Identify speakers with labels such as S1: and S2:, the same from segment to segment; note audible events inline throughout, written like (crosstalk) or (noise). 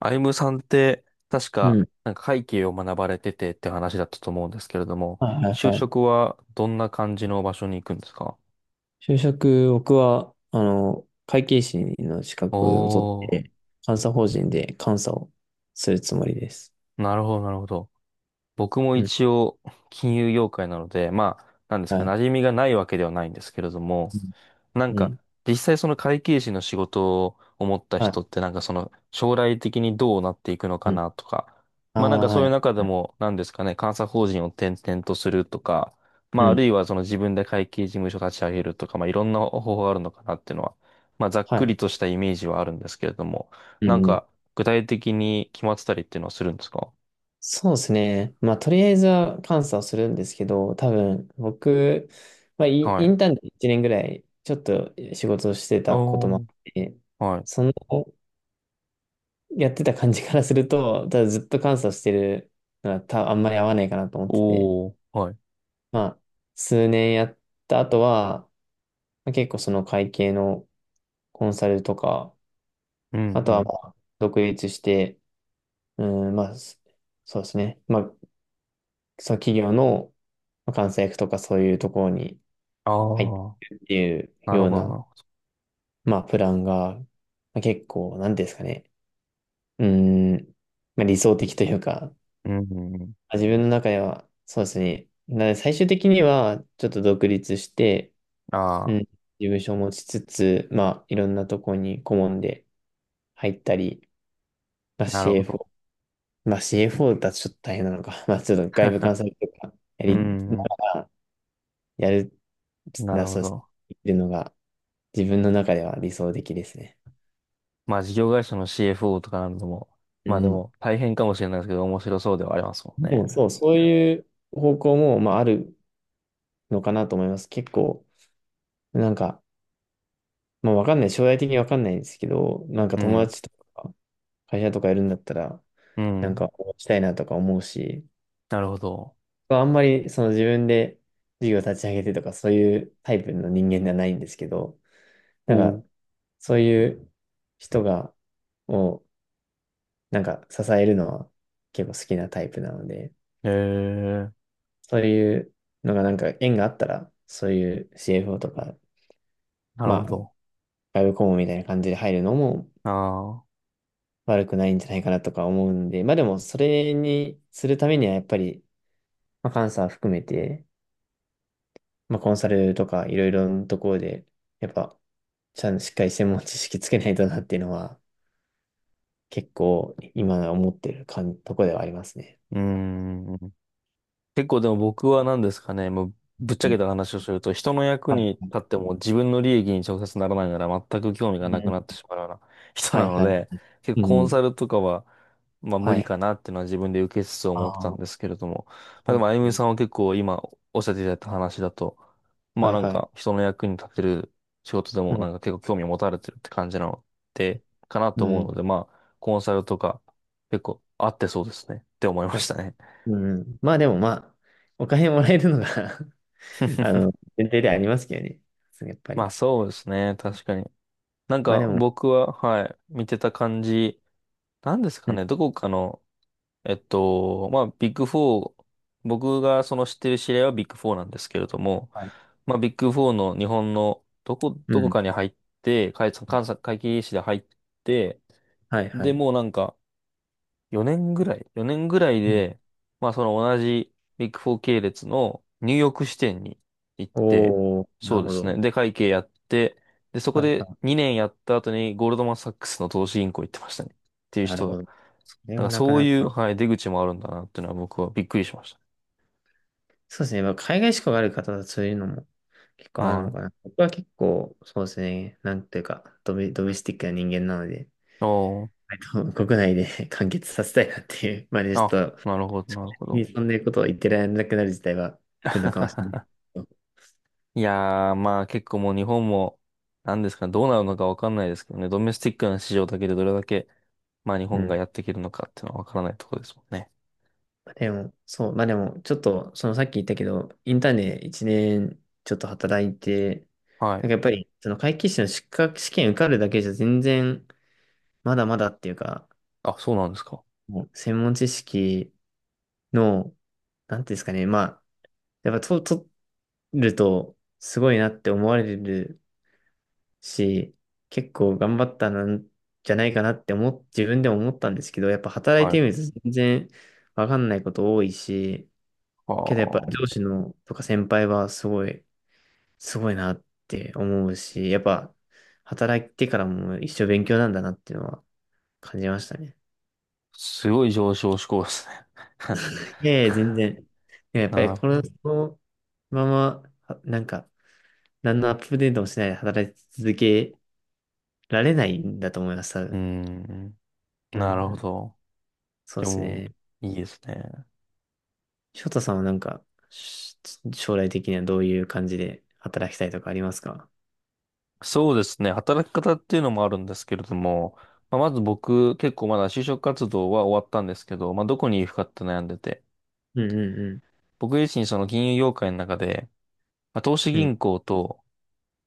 S1: アイムさんって、確
S2: う
S1: か、
S2: ん。
S1: 会計を学ばれててって話だったと思うんですけれども、
S2: はいはい
S1: 就
S2: はい。
S1: 職はどんな感じの場所に行くんですか？
S2: 就職、僕は、会計士の資格を取っ
S1: お
S2: て、監査法人で監査をするつもりです。
S1: ー、なるほど、なるほど。僕も
S2: うん。
S1: 一応金融業界なので、まあ、なんです
S2: は
S1: か、
S2: い。
S1: 馴染みがないわけではないんですけれども、
S2: うん。
S1: なん
S2: う
S1: か、
S2: ん。
S1: 実際その会計士の仕事を思った
S2: はい。
S1: 人って、その将来的にどうなっていくのか
S2: うん。
S1: なとか、
S2: あ
S1: まあ
S2: あ、
S1: そ
S2: は
S1: ういう
S2: い。
S1: 中でも、なんですかね、監査法人を転々とするとか、ま
S2: う
S1: あある
S2: ん。
S1: いはその自分で会計事務所立ち上げるとか、まあいろんな方法があるのかなっていうのは、まあざっ
S2: は
S1: く
S2: い。
S1: りとしたイメージはあるんですけれども、
S2: う
S1: なん
S2: ん、うん。
S1: か具体的に決まってたりっていうのはするんですか？
S2: そうですね。まあ、とりあえずは監査をするんですけど、多分、僕、まあ、イ
S1: は
S2: イ
S1: い。
S2: ンターンで1年ぐらい、ちょっと仕事をしてたこともあ
S1: お
S2: っ
S1: ー、
S2: て、
S1: はい。
S2: そのやってた感じからすると、(laughs) ただずっと監査してるのはあんまり合わないかなと思ってて、
S1: おー、はい。
S2: まあ、数年やった後は、まあ、結構その会計のコンサルとか、
S1: う
S2: あ
S1: ん、
S2: と
S1: う
S2: はま
S1: ん。
S2: あ独立して、うん、まあ、そうですね。まあ、その企業のまあ監査役とかそういうところに
S1: あ
S2: 入って
S1: あ、
S2: るっていう
S1: なる
S2: よう
S1: ほど、な
S2: な、
S1: るほど。
S2: まあ、プランが、まあ、結構、なんていうんですかね。うん、まあ、理想的というか、
S1: うん、うんうん。
S2: 自分の中では、そうですね。なので最終的には、ちょっと独立して、うん、
S1: あ
S2: 事務所を持ちつつ、まあ、いろんなとこに顧問で入ったり、まあ、
S1: あ、なるほど。
S2: CFO、まあ、CFO だとちょっと大変なのか、(laughs) まあ、ちょっと外部監査とか、や
S1: う
S2: りな
S1: ん、う
S2: がら、やる、
S1: ん。なるほ
S2: そうですね。
S1: ど。
S2: っていうのが、自分の中では理想的ですね。
S1: まあ、事業会社の CFO とかなんでも、
S2: う
S1: まあで
S2: ん。
S1: も、大変かもしれないですけど、面白そうではありますもん
S2: で
S1: ね。
S2: も、そう、そういう方向も、まあ、あるのかなと思います。結構、なんか、まあわかんない。将来的にわかんないんですけど、なんか
S1: う
S2: 友
S1: ん、
S2: 達とか会社とかやるんだったら、
S1: う
S2: なんか
S1: ん。
S2: 応援したいなとか思うし、
S1: なるほど。
S2: まあんまりその自分で事業立ち上げてとかそういうタイプの人間ではないんですけど、な
S1: お
S2: んか
S1: う。
S2: そういう人をなんか支えるのは結構好きなタイプなので、
S1: へえ、
S2: そういうのがなんか縁があったら、そういう CFO とか、
S1: なるほ
S2: まあ、
S1: ど。
S2: 外部顧問みたいな感じで入るのも
S1: ああ、
S2: 悪くないんじゃないかなとか思うんで、まあでもそれにするためにはやっぱり、まあ、監査含めて、まあコンサルとかいろいろなところで、やっぱちゃんとしっかり専門知識つけないとなっていうのは結構今思ってるかんとこではありますね。
S1: うん。結構でも僕は何ですかね、もうぶっち
S2: う
S1: ゃけ
S2: ん。
S1: た話をすると、人の役
S2: は
S1: に立
S2: い。
S1: っても自分の利益に直接ならないなら全く興味が
S2: う
S1: なく
S2: ん。
S1: なってしまうような人
S2: は
S1: な
S2: い
S1: の
S2: はい。
S1: で、結
S2: う
S1: 構コン
S2: ん。
S1: サルとかは、まあ無
S2: は
S1: 理
S2: い。
S1: かなっていうのは自分で受けつつ
S2: あ
S1: 思ってたん
S2: あ、
S1: ですけれども、まあ
S2: そ
S1: で
S2: うで
S1: もあゆ
S2: す
S1: み
S2: ね。
S1: さんは結構今おっしゃっていただいた話だと、まあ
S2: はいはい。
S1: 人の役に立てる仕事で
S2: う
S1: も
S2: ん。
S1: 結構興味を持たれてるって感じなので、かな
S2: う
S1: と思う
S2: ん。
S1: ので、まあコンサルとか結構合ってそうですねって思いま
S2: そう
S1: した
S2: そ
S1: ね。
S2: う。うん。まあでもまあ、お金もらえるのが (laughs) あの、前提ではありますけどね。そうやっぱ
S1: まあ
S2: り。
S1: そうですね。確かに。
S2: まあでも、うん。
S1: 僕は、はい、見てた感じ、なんですかね。どこかの、まあビッグフォー、僕がその知ってる知り合いはビッグフォーなんですけれども、
S2: はい。
S1: まあビッグフォーの日本の
S2: う
S1: どこ
S2: ん。
S1: かに入って、監査会計士で入って、
S2: はいは
S1: で、
S2: い。
S1: もう4年ぐらい ?4 年ぐらい
S2: うん。
S1: で、まあその同じビッグフォー系列のニューヨーク支店に行って、
S2: おー、な
S1: そう
S2: る
S1: で
S2: ほ
S1: す
S2: ど。
S1: ね。で、会計やって、で、そこ
S2: はいは
S1: で
S2: い。
S1: 2年やった後にゴールドマンサックスの投資銀行行ってましたね。っていう
S2: なる
S1: 人
S2: ほ
S1: が。
S2: ど。それはなか
S1: そう
S2: な
S1: いう、
S2: か。
S1: はい、出口もあるんだなっていうのは僕はびっくりしまし
S2: そうですね。まあ海外志向がある方はそういうのも結
S1: た。
S2: 構あるの
S1: は
S2: かな。僕は結構、そうですね。なんていうか、ドメスティックな人間なので、
S1: い。おー。
S2: (laughs) 割と国内で (laughs) 完結させたいなっていう、まあね、ちょっ
S1: あ、
S2: と、
S1: なるほど、
S2: 正
S1: なるほ
S2: 直
S1: ど。
S2: にそんなことを言ってられなくなる自体は来るのかもしれない。
S1: (laughs) いやー、まあ結構もう日本も、なんですかね、どうなるのかわかんないですけどね、ドメスティックな市場だけでどれだけ、まあ日
S2: う
S1: 本が
S2: ん。
S1: やっていけるのかっていうのはわからないところですもんね。
S2: でも、そう、まあでも、ちょっと、そのさっき言ったけど、インターンで1年ちょっと働いて、
S1: はい。
S2: なんかやっぱり、その会計士の資格試験受かるだけじゃ全然、まだまだっていうか、
S1: あ、そうなんですか。
S2: もう専門知識の、なんていうんですかね、まあ、やっぱと、取ると、すごいなって思われるし、結構頑張ったなんじゃないかなって自分でも思ったんですけど、やっぱ働い
S1: は
S2: て
S1: い。
S2: みると全然わかんないこと多いし、
S1: あ
S2: けどやっぱ
S1: あ、
S2: 上司のとか先輩はすごいなって思うし、やっぱ働いてからも一生勉強なんだなっていうのは感じましたね。
S1: すごい上昇志向ですね。(laughs)
S2: いやいや、全然。いややっぱり
S1: なる
S2: こ
S1: ほ
S2: の、
S1: ど。
S2: そのまま、はなんか、何のアップデートもしないで働き続けられないんだと思います、多
S1: うー
S2: 分。
S1: ん。
S2: うんう
S1: なるほ
S2: ん、
S1: ど。
S2: そう
S1: で
S2: です
S1: も、
S2: ね。
S1: いいですね。
S2: 翔太さんはなんか、し将来的にはどういう感じで働きたいとかありますか？
S1: そうですね。働き方っていうのもあるんですけれども、まあ、まず僕、結構まだ就職活動は終わったんですけど、まあどこに行くかって悩んでて、
S2: うんうん
S1: 僕自身その金融業界の中で、まあ、投資
S2: うん。うん。
S1: 銀行と、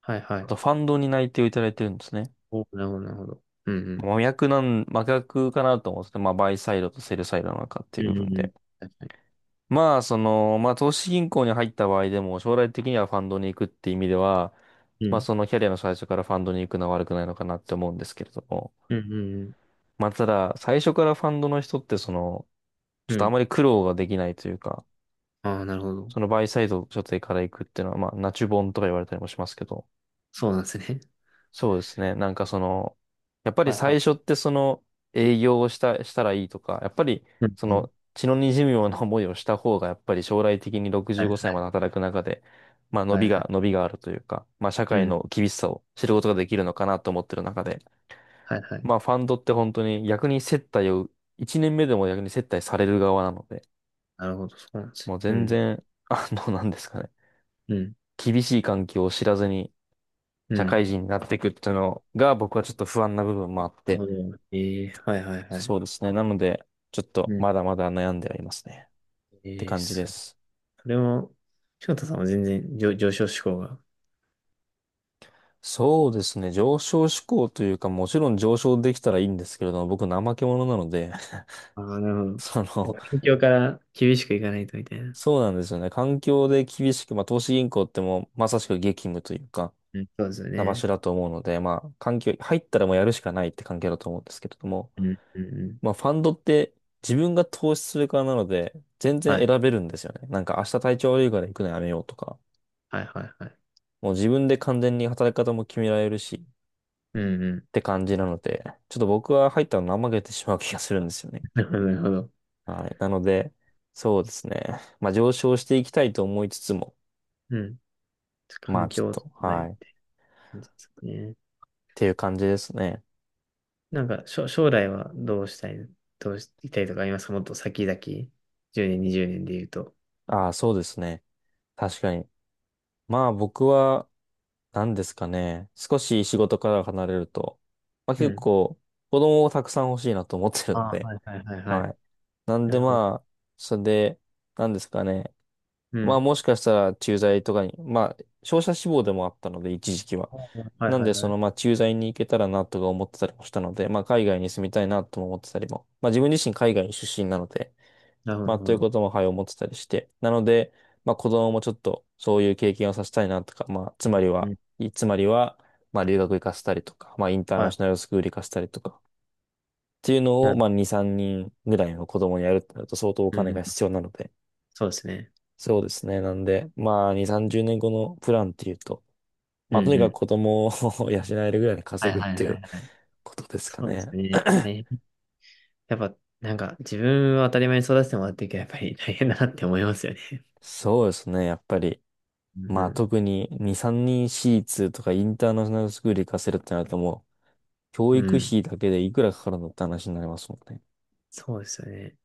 S2: はいは
S1: あ
S2: い。
S1: とファンドに内定をいただいてるんですね。
S2: お、なるほど、なるほど。うんうん。
S1: 真逆かなと思うんですけど、まあ、バイサイドとセルサイドの中って
S2: う
S1: いう部
S2: んう
S1: 分
S2: んうん。
S1: で。
S2: 確かに。
S1: まあ、その、まあ、投資銀行に入った場合でも、将来的にはファンドに行くって意味では、
S2: う
S1: まあ、
S2: ん。
S1: そのキャリアの最初からファンドに行くのは悪くないのかなって思うんですけれども。
S2: うんうん
S1: まあ、ただ、最初からファンドの人って、その、ち
S2: う
S1: ょっ
S2: ん。う
S1: とあ
S2: ん。
S1: まり苦労ができないというか、
S2: ああ、なるほど。
S1: そのバイサイド所定から行くっていうのは、まあ、ナチュボンとか言われたりもしますけど、
S2: そうなんですね。
S1: そうですね。その、やっぱり
S2: はいは
S1: 最
S2: い。
S1: 初ってその営業をした、したらいいとか、やっぱり
S2: うん
S1: そ
S2: うん。
S1: の血の滲むような思いをした方が、やっぱり将来的に
S2: は
S1: 65
S2: いは
S1: 歳まで働く中で、
S2: いはいは
S1: 伸
S2: い。
S1: びがあるというか、まあ社
S2: う
S1: 会
S2: ん。
S1: の厳しさを知ることができるのかなと思ってる中で、
S2: はいはい。
S1: まあファンドって本当に逆に接待を、1年目でも逆に接待される側なので、
S2: なるほど。そうなんです
S1: もう
S2: ね。う
S1: 全
S2: ん。
S1: 然、(laughs) あの、なんですかね、
S2: うん。
S1: 厳しい環境を知らずに
S2: う
S1: 社
S2: ん。
S1: 会人になっていくっていうのが僕はちょっと不安な部分もあっ
S2: なる
S1: て、
S2: ほど。ええ、はいはいはい。
S1: そうですね。なので、ちょっ
S2: う
S1: と
S2: ん。
S1: まだまだ悩んではいますね。って
S2: ええ、
S1: 感じで
S2: すごい。
S1: す。
S2: それも、翔太さんは全然、上昇志向が。
S1: そうですね。上昇志向というか、もちろん上昇できたらいいんですけれども、僕怠け者なので、
S2: ああ、なるほど。
S1: (laughs) そ
S2: もう
S1: の、
S2: 環境から厳しくいかないとみたいな。
S1: そうなんですよね。環境で厳しく、まあ投資銀行ってもうまさしく激務というか、
S2: うん。そうですよ
S1: な場
S2: ね。
S1: 所だと思うので、まあ環境、入ったらもうやるしかないって環境だと思うんですけれども、
S2: うん。うんうん。
S1: まあファンドって自分が投資する側なので、全
S2: は
S1: 然
S2: い。
S1: 選べるんですよね。明日体調悪いから行くのやめようとか。
S2: はいはいはい。
S1: もう自分で完全に働き方も決められるしっ
S2: うんうん。
S1: て感じなので、ちょっと僕は入ったの怠けてしまう気がするんですよね。
S2: (laughs) なるほど。なるほど。
S1: はい。なので、そうですね。まあ上昇していきたいと思いつつも、
S2: うん。
S1: まあ
S2: 環
S1: ちょっ
S2: 境を整
S1: と、
S2: え
S1: は
S2: る
S1: い。っ
S2: ですね。
S1: ていう感じですね。
S2: なんか、将来はどうしたいとかありますか？もっと先々、10年、20年で言うと。
S1: ああ、そうですね。確かに。まあ僕は、何ですかね。少し仕事から離れると、まあ
S2: う
S1: 結
S2: ん。
S1: 構、子供をたくさん欲しいなと思ってるの
S2: ああ、
S1: で、
S2: はいはいはいは
S1: は
S2: い。
S1: い。なん
S2: な
S1: で
S2: るほど。
S1: まあ、それで、何ですかね。
S2: う
S1: まあ
S2: ん。
S1: もしかしたら駐在とかに、まあ商社志望でもあったので一時期は。
S2: はい
S1: なん
S2: はい
S1: でそ
S2: は
S1: の
S2: い。
S1: まあ駐在に行けたらなとか思ってたりもしたので、まあ海外に住みたいなとも思ってたりも、まあ自分自身海外出身なので、
S2: なるほど。
S1: まあと
S2: なるほ
S1: いうこ
S2: ど。
S1: ともはい思ってたりして、なので、まあ子供もちょっとそういう経験をさせたいなとか、まあつまり
S2: う
S1: は、
S2: ん。
S1: いつまりは、まあ留学行かせたりとか、まあインター
S2: は
S1: ナ
S2: い。
S1: ショナルスクール行かせたりとか、っていうの
S2: な
S1: を
S2: る
S1: まあ
S2: ほ
S1: 2、3人ぐらいの子供にやるってなると相当お
S2: ど。う
S1: 金
S2: ん。
S1: が必要なので、
S2: そうですね。
S1: そうですね。なんで、まあ、2、30年後のプランっていうと、
S2: う
S1: まあ、と
S2: ん
S1: に
S2: う
S1: かく
S2: ん。
S1: 子供を (laughs) 養えるぐらいに
S2: は
S1: 稼
S2: い
S1: ぐっ
S2: はい
S1: て
S2: は
S1: いう
S2: いはい。
S1: (laughs) ことですか
S2: そうです
S1: ね。
S2: ね。大
S1: (clears throat)
S2: 変。やっぱ、なんか、自分は当たり前に育ててもらってるけど、やっぱり大変だなって思いますよね。
S1: そうですね。やっぱり、
S2: うん
S1: まあ、
S2: う
S1: 特に2、3人私立とかインターナショナルスクール行かせるってなるともう、教
S2: ん。う
S1: 育
S2: ん。
S1: 費だけでいくらかかるのって話になりますもんね。
S2: そうですよね。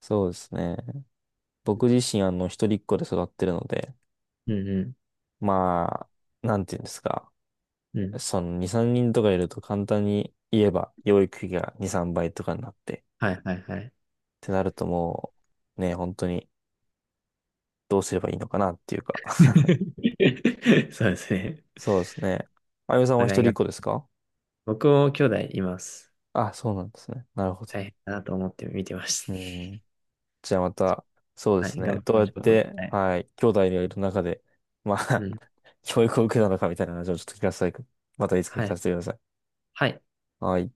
S1: そうですね。僕自身、あの、一人っ子で育ってるので、
S2: うんう
S1: まあ、なんていうんですか。
S2: ん。うん。
S1: その2、3人とかいると簡単に言えば、養育費が2、3倍とかになって、
S2: はいはいはい。
S1: ってなるともう、ね、本当にどうすればいいのかなっていうか。(laughs)
S2: (laughs) そうですね。
S1: そうですね。あゆみさん
S2: お
S1: は一
S2: 互い
S1: 人っ
S2: が。
S1: 子ですか？
S2: 僕も兄弟います。
S1: あ、そうなんですね。なるほど。
S2: 大変だなと思って見てまし
S1: うん。じゃあまた、そうで
S2: た。(laughs) は
S1: す
S2: い、
S1: ね。
S2: 頑張り
S1: どうや
S2: ま
S1: っ
S2: しょう。
S1: て、
S2: はい。
S1: はい、兄弟がいる中で、ま
S2: う
S1: あ
S2: ん。
S1: (laughs) 教育を受けたのかみたいな話をちょっと聞かせて、またいつか聞
S2: は
S1: か
S2: い。
S1: せてください。
S2: はい。
S1: はい。